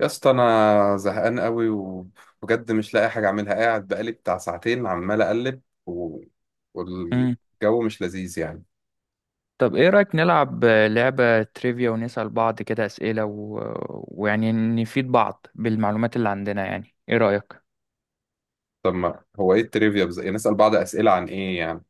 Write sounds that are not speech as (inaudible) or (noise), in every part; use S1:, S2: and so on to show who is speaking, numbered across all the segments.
S1: يا اسطى، انا زهقان قوي وبجد مش لاقي حاجه اعملها. قاعد بقالي بتاع ساعتين عمال اقلب
S2: مم.
S1: والجو مش لذيذ يعني.
S2: طب ايه رأيك نلعب لعبة تريفيا ونسأل بعض كده أسئلة و... ويعني نفيد بعض بالمعلومات اللي عندنا يعني ايه رأيك؟
S1: طب ما هو ايه التريفيا يعني نسال بعض اسئله عن ايه يعني؟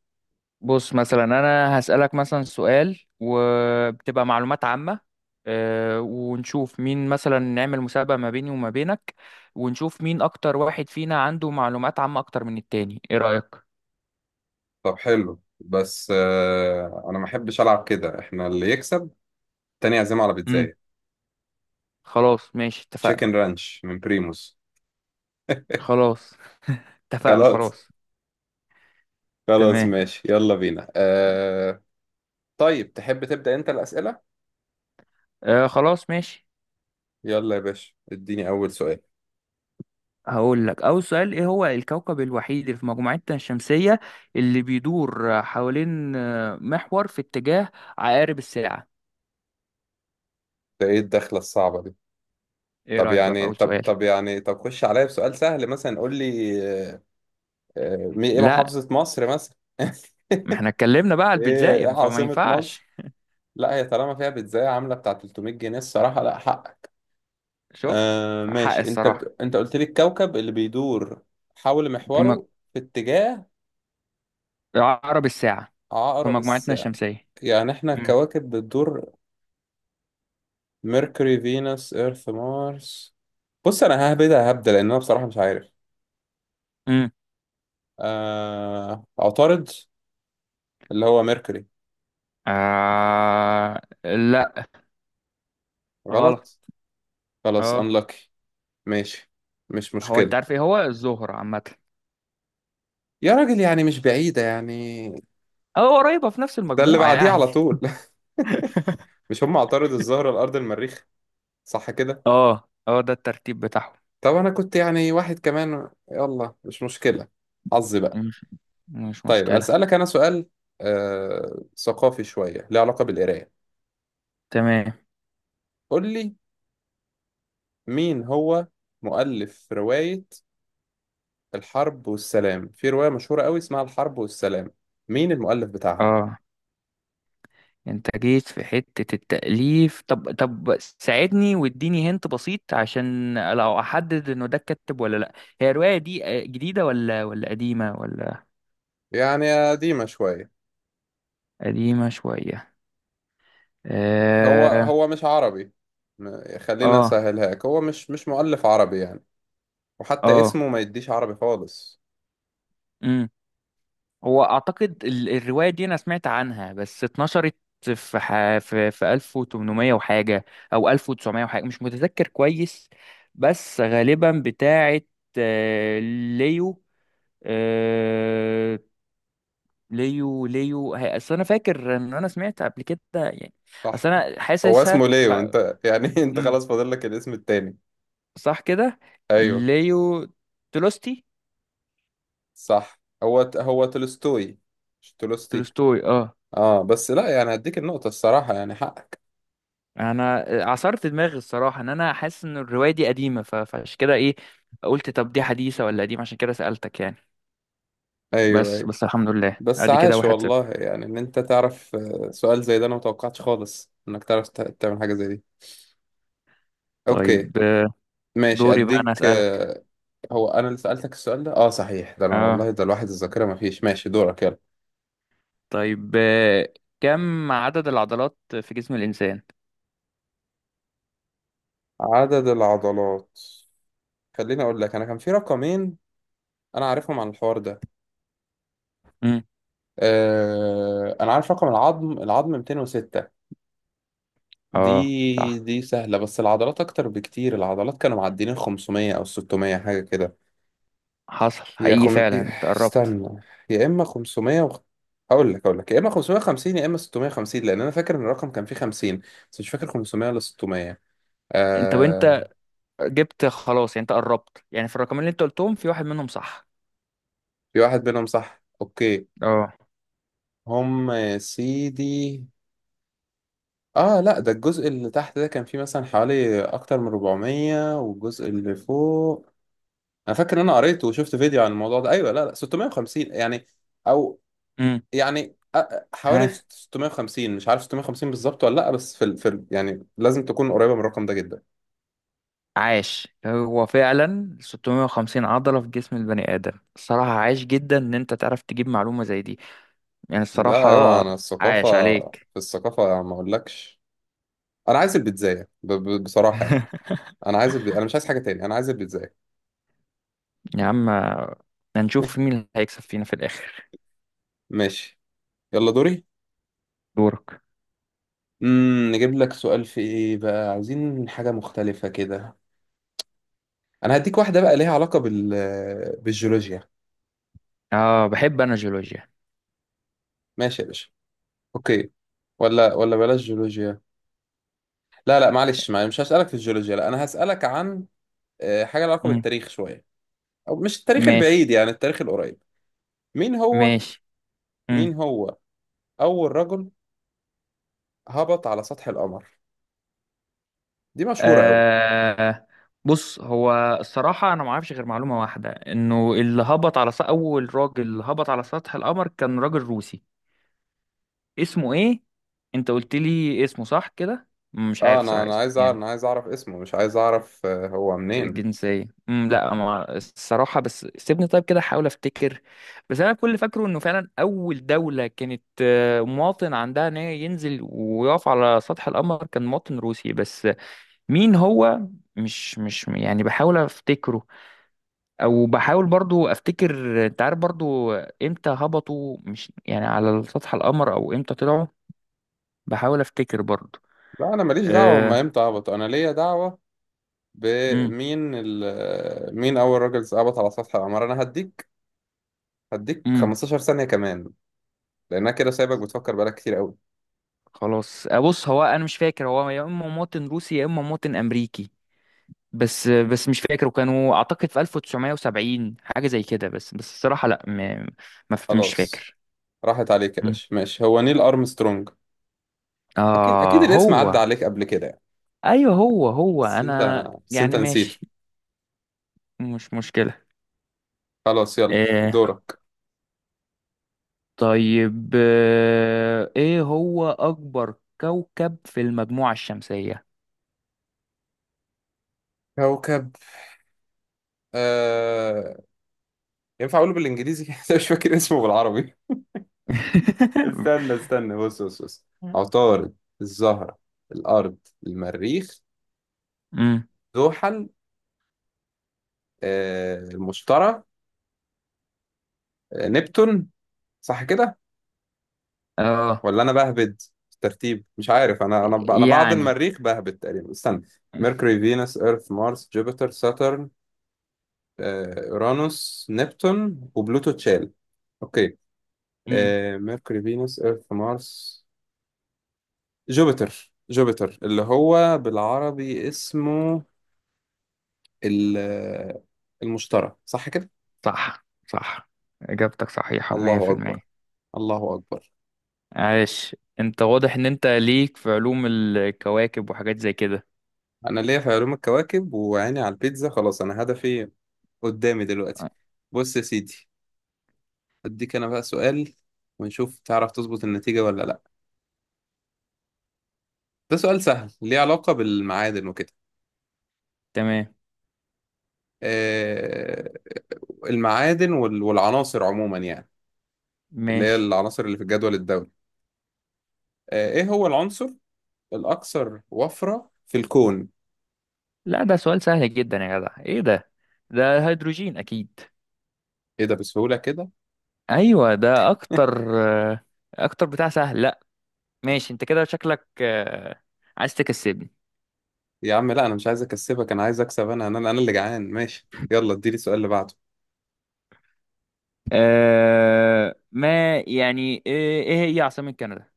S2: بص مثلا انا هسألك مثلا سؤال وبتبقى معلومات عامة، ونشوف مين، مثلا نعمل مسابقة ما بيني وما بينك ونشوف مين اكتر واحد فينا عنده معلومات عامة اكتر من التاني، ايه رأيك؟
S1: طب حلو، بس انا ما احبش العب كده. احنا اللي يكسب تاني يعزمه على
S2: امم
S1: بيتزاية.
S2: خلاص ماشي
S1: تشيكن
S2: اتفقنا.
S1: رانش من بريموس.
S2: خلاص (laughs) اتفقنا
S1: خلاص.
S2: خلاص.
S1: خلاص
S2: تمام.
S1: ماشي، يلا بينا. طيب، تحب تبدا انت الاسئله؟
S2: خلاص ماشي.
S1: يلا يا باشا، اديني اول سؤال.
S2: هقول لك أول سؤال: إيه هو الكوكب الوحيد اللي في مجموعتنا الشمسية اللي بيدور حوالين محور في اتجاه عقارب الساعة؟
S1: ده ايه الدخله الصعبه دي؟
S2: إيه
S1: طب
S2: رأيك بقى في
S1: يعني،
S2: أول
S1: طب
S2: سؤال؟
S1: طب يعني طب خش عليا بسؤال سهل مثلا. قول لي آه، ايه
S2: لا،
S1: محافظة مصر مثلا. (laughs)
S2: ما احنا اتكلمنا بقى على
S1: ايه
S2: البيتزايم فما
S1: عاصمة
S2: ينفعش.
S1: مصر؟ لا، هي طالما فيها بيتزاية عاملة بتاع 300 جنيه، الصراحة لا حقك.
S2: شفت؟ حق
S1: ماشي. انت
S2: الصراحة.
S1: بت... انت قلت لي الكوكب اللي بيدور حول
S2: في مج-
S1: محوره في اتجاه
S2: عقرب الساعة، في
S1: عقرب
S2: مجموعتنا
S1: الساعة،
S2: الشمسية.
S1: يعني احنا
S2: مم.
S1: الكواكب بتدور. ميركوري، فينوس، ايرث، مارس. بص انا هبدأ لان انا بصراحة مش عارف.
S2: مم.
S1: عطارد، اللي هو ميركوري.
S2: لا، غلط.
S1: غلط. خلاص
S2: اه.
S1: unlucky. ماشي، مش
S2: هو انت
S1: مشكلة.
S2: عارف ايه هو الزهرة عامة؟
S1: يا راجل يعني مش بعيدة يعني،
S2: اه، قريبة في نفس
S1: ده اللي
S2: المجموعة
S1: بعديه
S2: يعني.
S1: على طول. (laughs) مش هم عطارد، الزهرة، الأرض، المريخ؟ صح كده.
S2: (laughs) اه اه، ده الترتيب بتاعهم.
S1: طب أنا كنت يعني واحد كمان، يلا مش مشكلة، حظي بقى.
S2: مش مش
S1: طيب
S2: مشكلة.
S1: أسألك أنا سؤال ثقافي شوية، له علاقة بالقراية.
S2: تمام.
S1: قول لي، مين هو مؤلف رواية الحرب والسلام؟ في رواية مشهورة قوي اسمها الحرب والسلام، مين المؤلف بتاعها؟
S2: اه، انت جيت في حتة التأليف. طب ساعدني واديني هنت بسيط عشان لو احدد انه ده الكاتب ولا لا. هي الرواية دي جديدة ولا قديمة ولا؟
S1: يعني قديمة شوية.
S2: قديمة شوية.
S1: هو
S2: اه
S1: هو مش عربي. خلينا
S2: اه
S1: اسهلهاك، هو مش مؤلف عربي يعني، وحتى
S2: اه.
S1: اسمه ما يديش عربي خالص.
S2: مم. هو اعتقد الروايه دي انا سمعت عنها بس اتنشرت في ح... في 1800 وحاجه او 1900 وحاجه، مش متذكر كويس، بس غالبا بتاعه آه، ليو، آه، ليو اصل انا فاكر ان انا سمعت قبل كده يعني.
S1: صح،
S2: اصل انا
S1: هو
S2: حاسسها
S1: اسمه
S2: ف...
S1: ليو. انت يعني (laughs) انت
S2: مم،
S1: خلاص فاضل لك الاسم التاني.
S2: صح كده؟
S1: ايوه،
S2: ليو تولستي.
S1: صح. هو تولستوي، مش تولستي.
S2: تولستوي، اه.
S1: اه بس لا، يعني هديك النقطة الصراحة، يعني حقك.
S2: انا عصرت دماغي الصراحه، ان انا حاسس ان الروايه دي قديمه ف- فعشان كده ايه قلت طب دي حديثه ولا قديمه، عشان كده سالتك يعني.
S1: ايوه
S2: بس
S1: ايوه.
S2: بس الحمد لله،
S1: بس
S2: ادي كده
S1: عاش
S2: واحد
S1: والله،
S2: صفر.
S1: يعني ان انت تعرف سؤال زي ده انا متوقعتش خالص انك تعرف تعمل حاجة زي دي. اوكي،
S2: طيب،
S1: ماشي
S2: دوري بقى انا
S1: اديك
S2: اسالك.
S1: آه، هو انا اللي سألتك السؤال ده، اه صحيح. ده انا
S2: اه
S1: والله، ده الواحد الذاكرة ما فيش. ماشي دورك، يلا.
S2: طيب كم عدد العضلات في جسم الانسان؟
S1: عدد العضلات. خليني اقول لك، انا كان في رقمين انا عارفهم عن الحوار ده.
S2: امم
S1: انا عارف رقم العظم. العظم 206، دي
S2: اه صح،
S1: دي سهلة. بس العضلات اكتر بكتير. العضلات كانوا معديين 500 او 600 حاجة كده.
S2: حصل حقيقي، فعلا انت قربت.
S1: استنى، يا اما 500 اقول لك يا اما 550 يا اما 650، لان انا فاكر ان الرقم كان فيه 50، بس مش فاكر 500 ولا 600.
S2: انت جبت خلاص يعني، انت قربت يعني، في الرقمين اللي انت قلتهم في واحد منهم صح.
S1: في واحد منهم صح. اوكي.
S2: اه.
S1: هم يا سيدي. اه لا، ده الجزء اللي تحت ده كان فيه مثلا حوالي اكتر من 400، والجزء اللي فوق. انا فاكر ان انا قريت وشفت فيديو عن الموضوع ده. ايوه، لا لا، 650 يعني، او
S2: امم
S1: يعني حوالي 650. مش عارف 650 بالظبط ولا لا، بس يعني لازم تكون قريبة من الرقم ده جدا.
S2: عاش، هو فعلا 650 عضلة في جسم البني آدم. الصراحة عاش جدا إن أنت تعرف تجيب معلومة زي دي يعني، الصراحة
S1: لا، اوعى انا
S2: عاش
S1: الثقافة،
S2: عليك.
S1: في الثقافة ما اقولكش. انا عايز البيتزاية بصراحة يعني.
S2: (laughs)
S1: انا مش عايز حاجة تاني، انا عايز البيتزاية.
S2: يا عم، هنشوف مين اللي هيكسب فينا في الآخر.
S1: (laughs) ماشي يلا دوري.
S2: دورك.
S1: نجيب لك سؤال في ايه بقى، عايزين حاجة مختلفة كده. انا هديك واحدة بقى ليها علاقة بالجيولوجيا.
S2: آه، بحب أنا جيولوجيا.
S1: ماشي يا باشا. اوكي. ولا بلاش جيولوجيا. لا لا، معلش معلش، مش هسألك في الجيولوجيا، لا انا هسألك عن حاجة لها علاقة
S2: مم.
S1: بالتاريخ شوية. او مش التاريخ
S2: ماشي.
S1: البعيد، يعني التاريخ القريب. مين هو؟
S2: ماشي.
S1: مين
S2: مم.
S1: هو اول رجل هبط على سطح القمر؟ دي مشهورة قوي.
S2: آه، بص، هو الصراحة أنا ما أعرفش غير معلومة واحدة، إنه اللي هبط على سطح، أول راجل هبط على سطح القمر كان راجل روسي. اسمه ايه؟ انت قلت لي اسمه صح كده؟ مش
S1: اه،
S2: عارف
S1: انا
S2: صراحة
S1: انا
S2: اسمه
S1: عايز اعرف
S2: يعني.
S1: انا عايز اعرف اسمه، مش عايز اعرف هو منين.
S2: الجنسية، لا، ما الصراحة، بس سيبني طيب كده احاول افتكر. بس انا كل اللي فاكره انه فعلا اول دولة كانت مواطن عندها ان هي ينزل ويقف على سطح القمر كان مواطن روسي، بس مين هو؟ مش يعني، بحاول افتكره. او بحاول برضو افتكر، انت عارف برضو امتى هبطوا، مش يعني على سطح القمر، او امتى طلعوا. بحاول افتكر برضو.
S1: لا، انا ماليش دعوه هم
S2: أه...
S1: امتى هبطوا، انا ليا دعوه
S2: مم.
S1: بمين. مين أول راجل هبط على سطح القمر؟ أنا هديك
S2: امم
S1: 15 ثانية كمان، لأنها كده سايبك بتفكر بقالك كتير أوي.
S2: خلاص. بص، هو انا مش فاكر، هو يا اما مواطن روسي يا اما مواطن امريكي. بس بس مش فاكر. وكانوا اعتقد في 1970، حاجه زي كده، بس بس الصراحه لا، م... ما ف- مش
S1: خلاص،
S2: فاكر.
S1: راحت عليك يا
S2: مم.
S1: باشا. ماشي، هو نيل أرمسترونج. أكيد أكيد
S2: اه،
S1: الاسم عدى
S2: هو.
S1: عليك قبل كده يعني.
S2: ايوه، هو
S1: بس أنت
S2: انا
S1: بس أنت
S2: يعني
S1: نسيته.
S2: ماشي. مش مشكله.
S1: خلاص، يلا
S2: آه
S1: دورك.
S2: طيب، آه ايه هو اكبر كوكب في المجموعه الشمسيه؟
S1: كوكب آه... ينفع أقوله بالإنجليزي؟ (laughs) أنا مش فاكر اسمه بالعربي. استنى
S2: (laughs)
S1: استنى، بص بص بص: عطارد، الزهرة، الأرض، المريخ،
S2: امم
S1: زحل، المشتري، نبتون. صح كده؟
S2: اه،
S1: ولا انا بهبد في الترتيب؟ مش عارف، انا بعد
S2: يعني.
S1: المريخ بهبد تقريبا. استنى:
S2: (laughs)
S1: ميركوري، فينوس، ايرث، مارس، جوبيتر، ساترن، اورانوس، نبتون، وبلوتو اتشال. اوكي.
S2: امم.
S1: ميركوري، فينوس، ايرث، مارس، جوبيتر اللي هو بالعربي اسمه ال- المشتري. صح كده؟
S2: صح صح، إجابتك صحيحة مية
S1: الله
S2: في
S1: اكبر!
S2: المية.
S1: الله اكبر!
S2: عاش، أنت واضح إن أنت ليك في علوم الكواكب وحاجات زي كده.
S1: انا ليا في علوم الكواكب، وعيني على البيتزا. خلاص انا هدفي قدامي دلوقتي.
S2: آه،
S1: بص يا سيدي، اديك انا بقى سؤال، ونشوف تعرف تظبط النتيجة ولا لا. ده سؤال سهل ليه علاقة بالمعادن وكده،
S2: تمام.
S1: آه المعادن والعناصر عموما يعني، اللي هي
S2: ماشي.
S1: العناصر اللي في الجدول الدوري. ايه هو العنصر الاكثر وفرة في الكون؟
S2: لا ده سؤال سهل جدا يا جدع، إيه ده؟ ده هيدروجين أكيد.
S1: ايه ده، بسهولة كده!
S2: أيوة ده
S1: (laughs)
S2: أكتر، آه، أكتر بتاع سهل لا. ماشي، أنت كده شكلك عايز تكسبني.
S1: يا عم لا، انا مش عايز اكسبك، انا عايز اكسب. انا انا اللي جعان. ماشي يلا اديني السؤال اللي بعده.
S2: أه ما يعني، إيه، إيه هي عاصمة كندا؟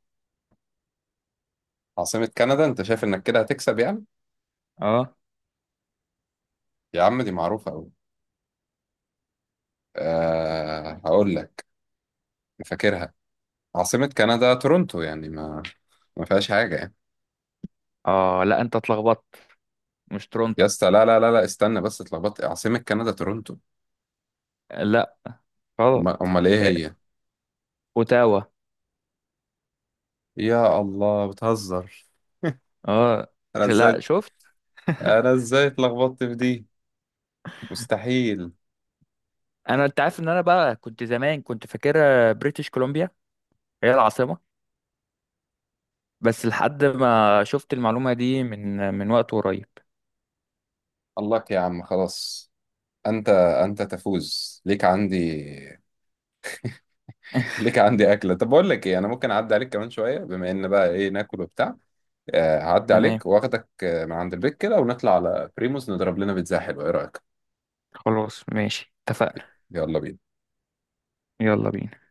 S1: عاصمة كندا، انت شايف انك كده هتكسب يعني؟
S2: أه.
S1: يا عم دي معروفة قوي. أه هقول لك، فاكرها. عاصمة كندا تورونتو، يعني ما ما فيهاش حاجة يعني.
S2: أه لا أنت اتلخبطت، مش
S1: يا
S2: تورونتو.
S1: اسطى، لا لا لا لا، استنى بس، اتلخبطت؟ عاصمة كندا تورونتو.
S2: لا، غلط.
S1: امال ايه
S2: آه،
S1: هي؟
S2: اوتاوا.
S1: يا الله، بتهزر!
S2: اه.
S1: انا
S2: لا
S1: ازاي
S2: شفت،
S1: انا ازاي اتلخبطت في دي؟ مستحيل!
S2: انا انت عارف ان انا بقى كنت زمان كنت فاكرها بريتش كولومبيا هي العاصمه، بس لحد ما شفت المعلومه دي من وقت قريب.
S1: الله يا عم خلاص، انت انت تفوز ليك عندي،
S2: (laughs)
S1: ليك عندي اكله. طب بقول لك ايه، انا ممكن اعدي عليك كمان شويه. بما ان بقى ايه ناكل وبتاع، هعدي
S2: تمام.
S1: عليك واخدك من عند البيت كده، ونطلع على بريموس نضرب لنا بيتزا حلوه. ايه رايك؟
S2: خلاص ماشي اتفقنا.
S1: يلا بينا.
S2: يلا بينا.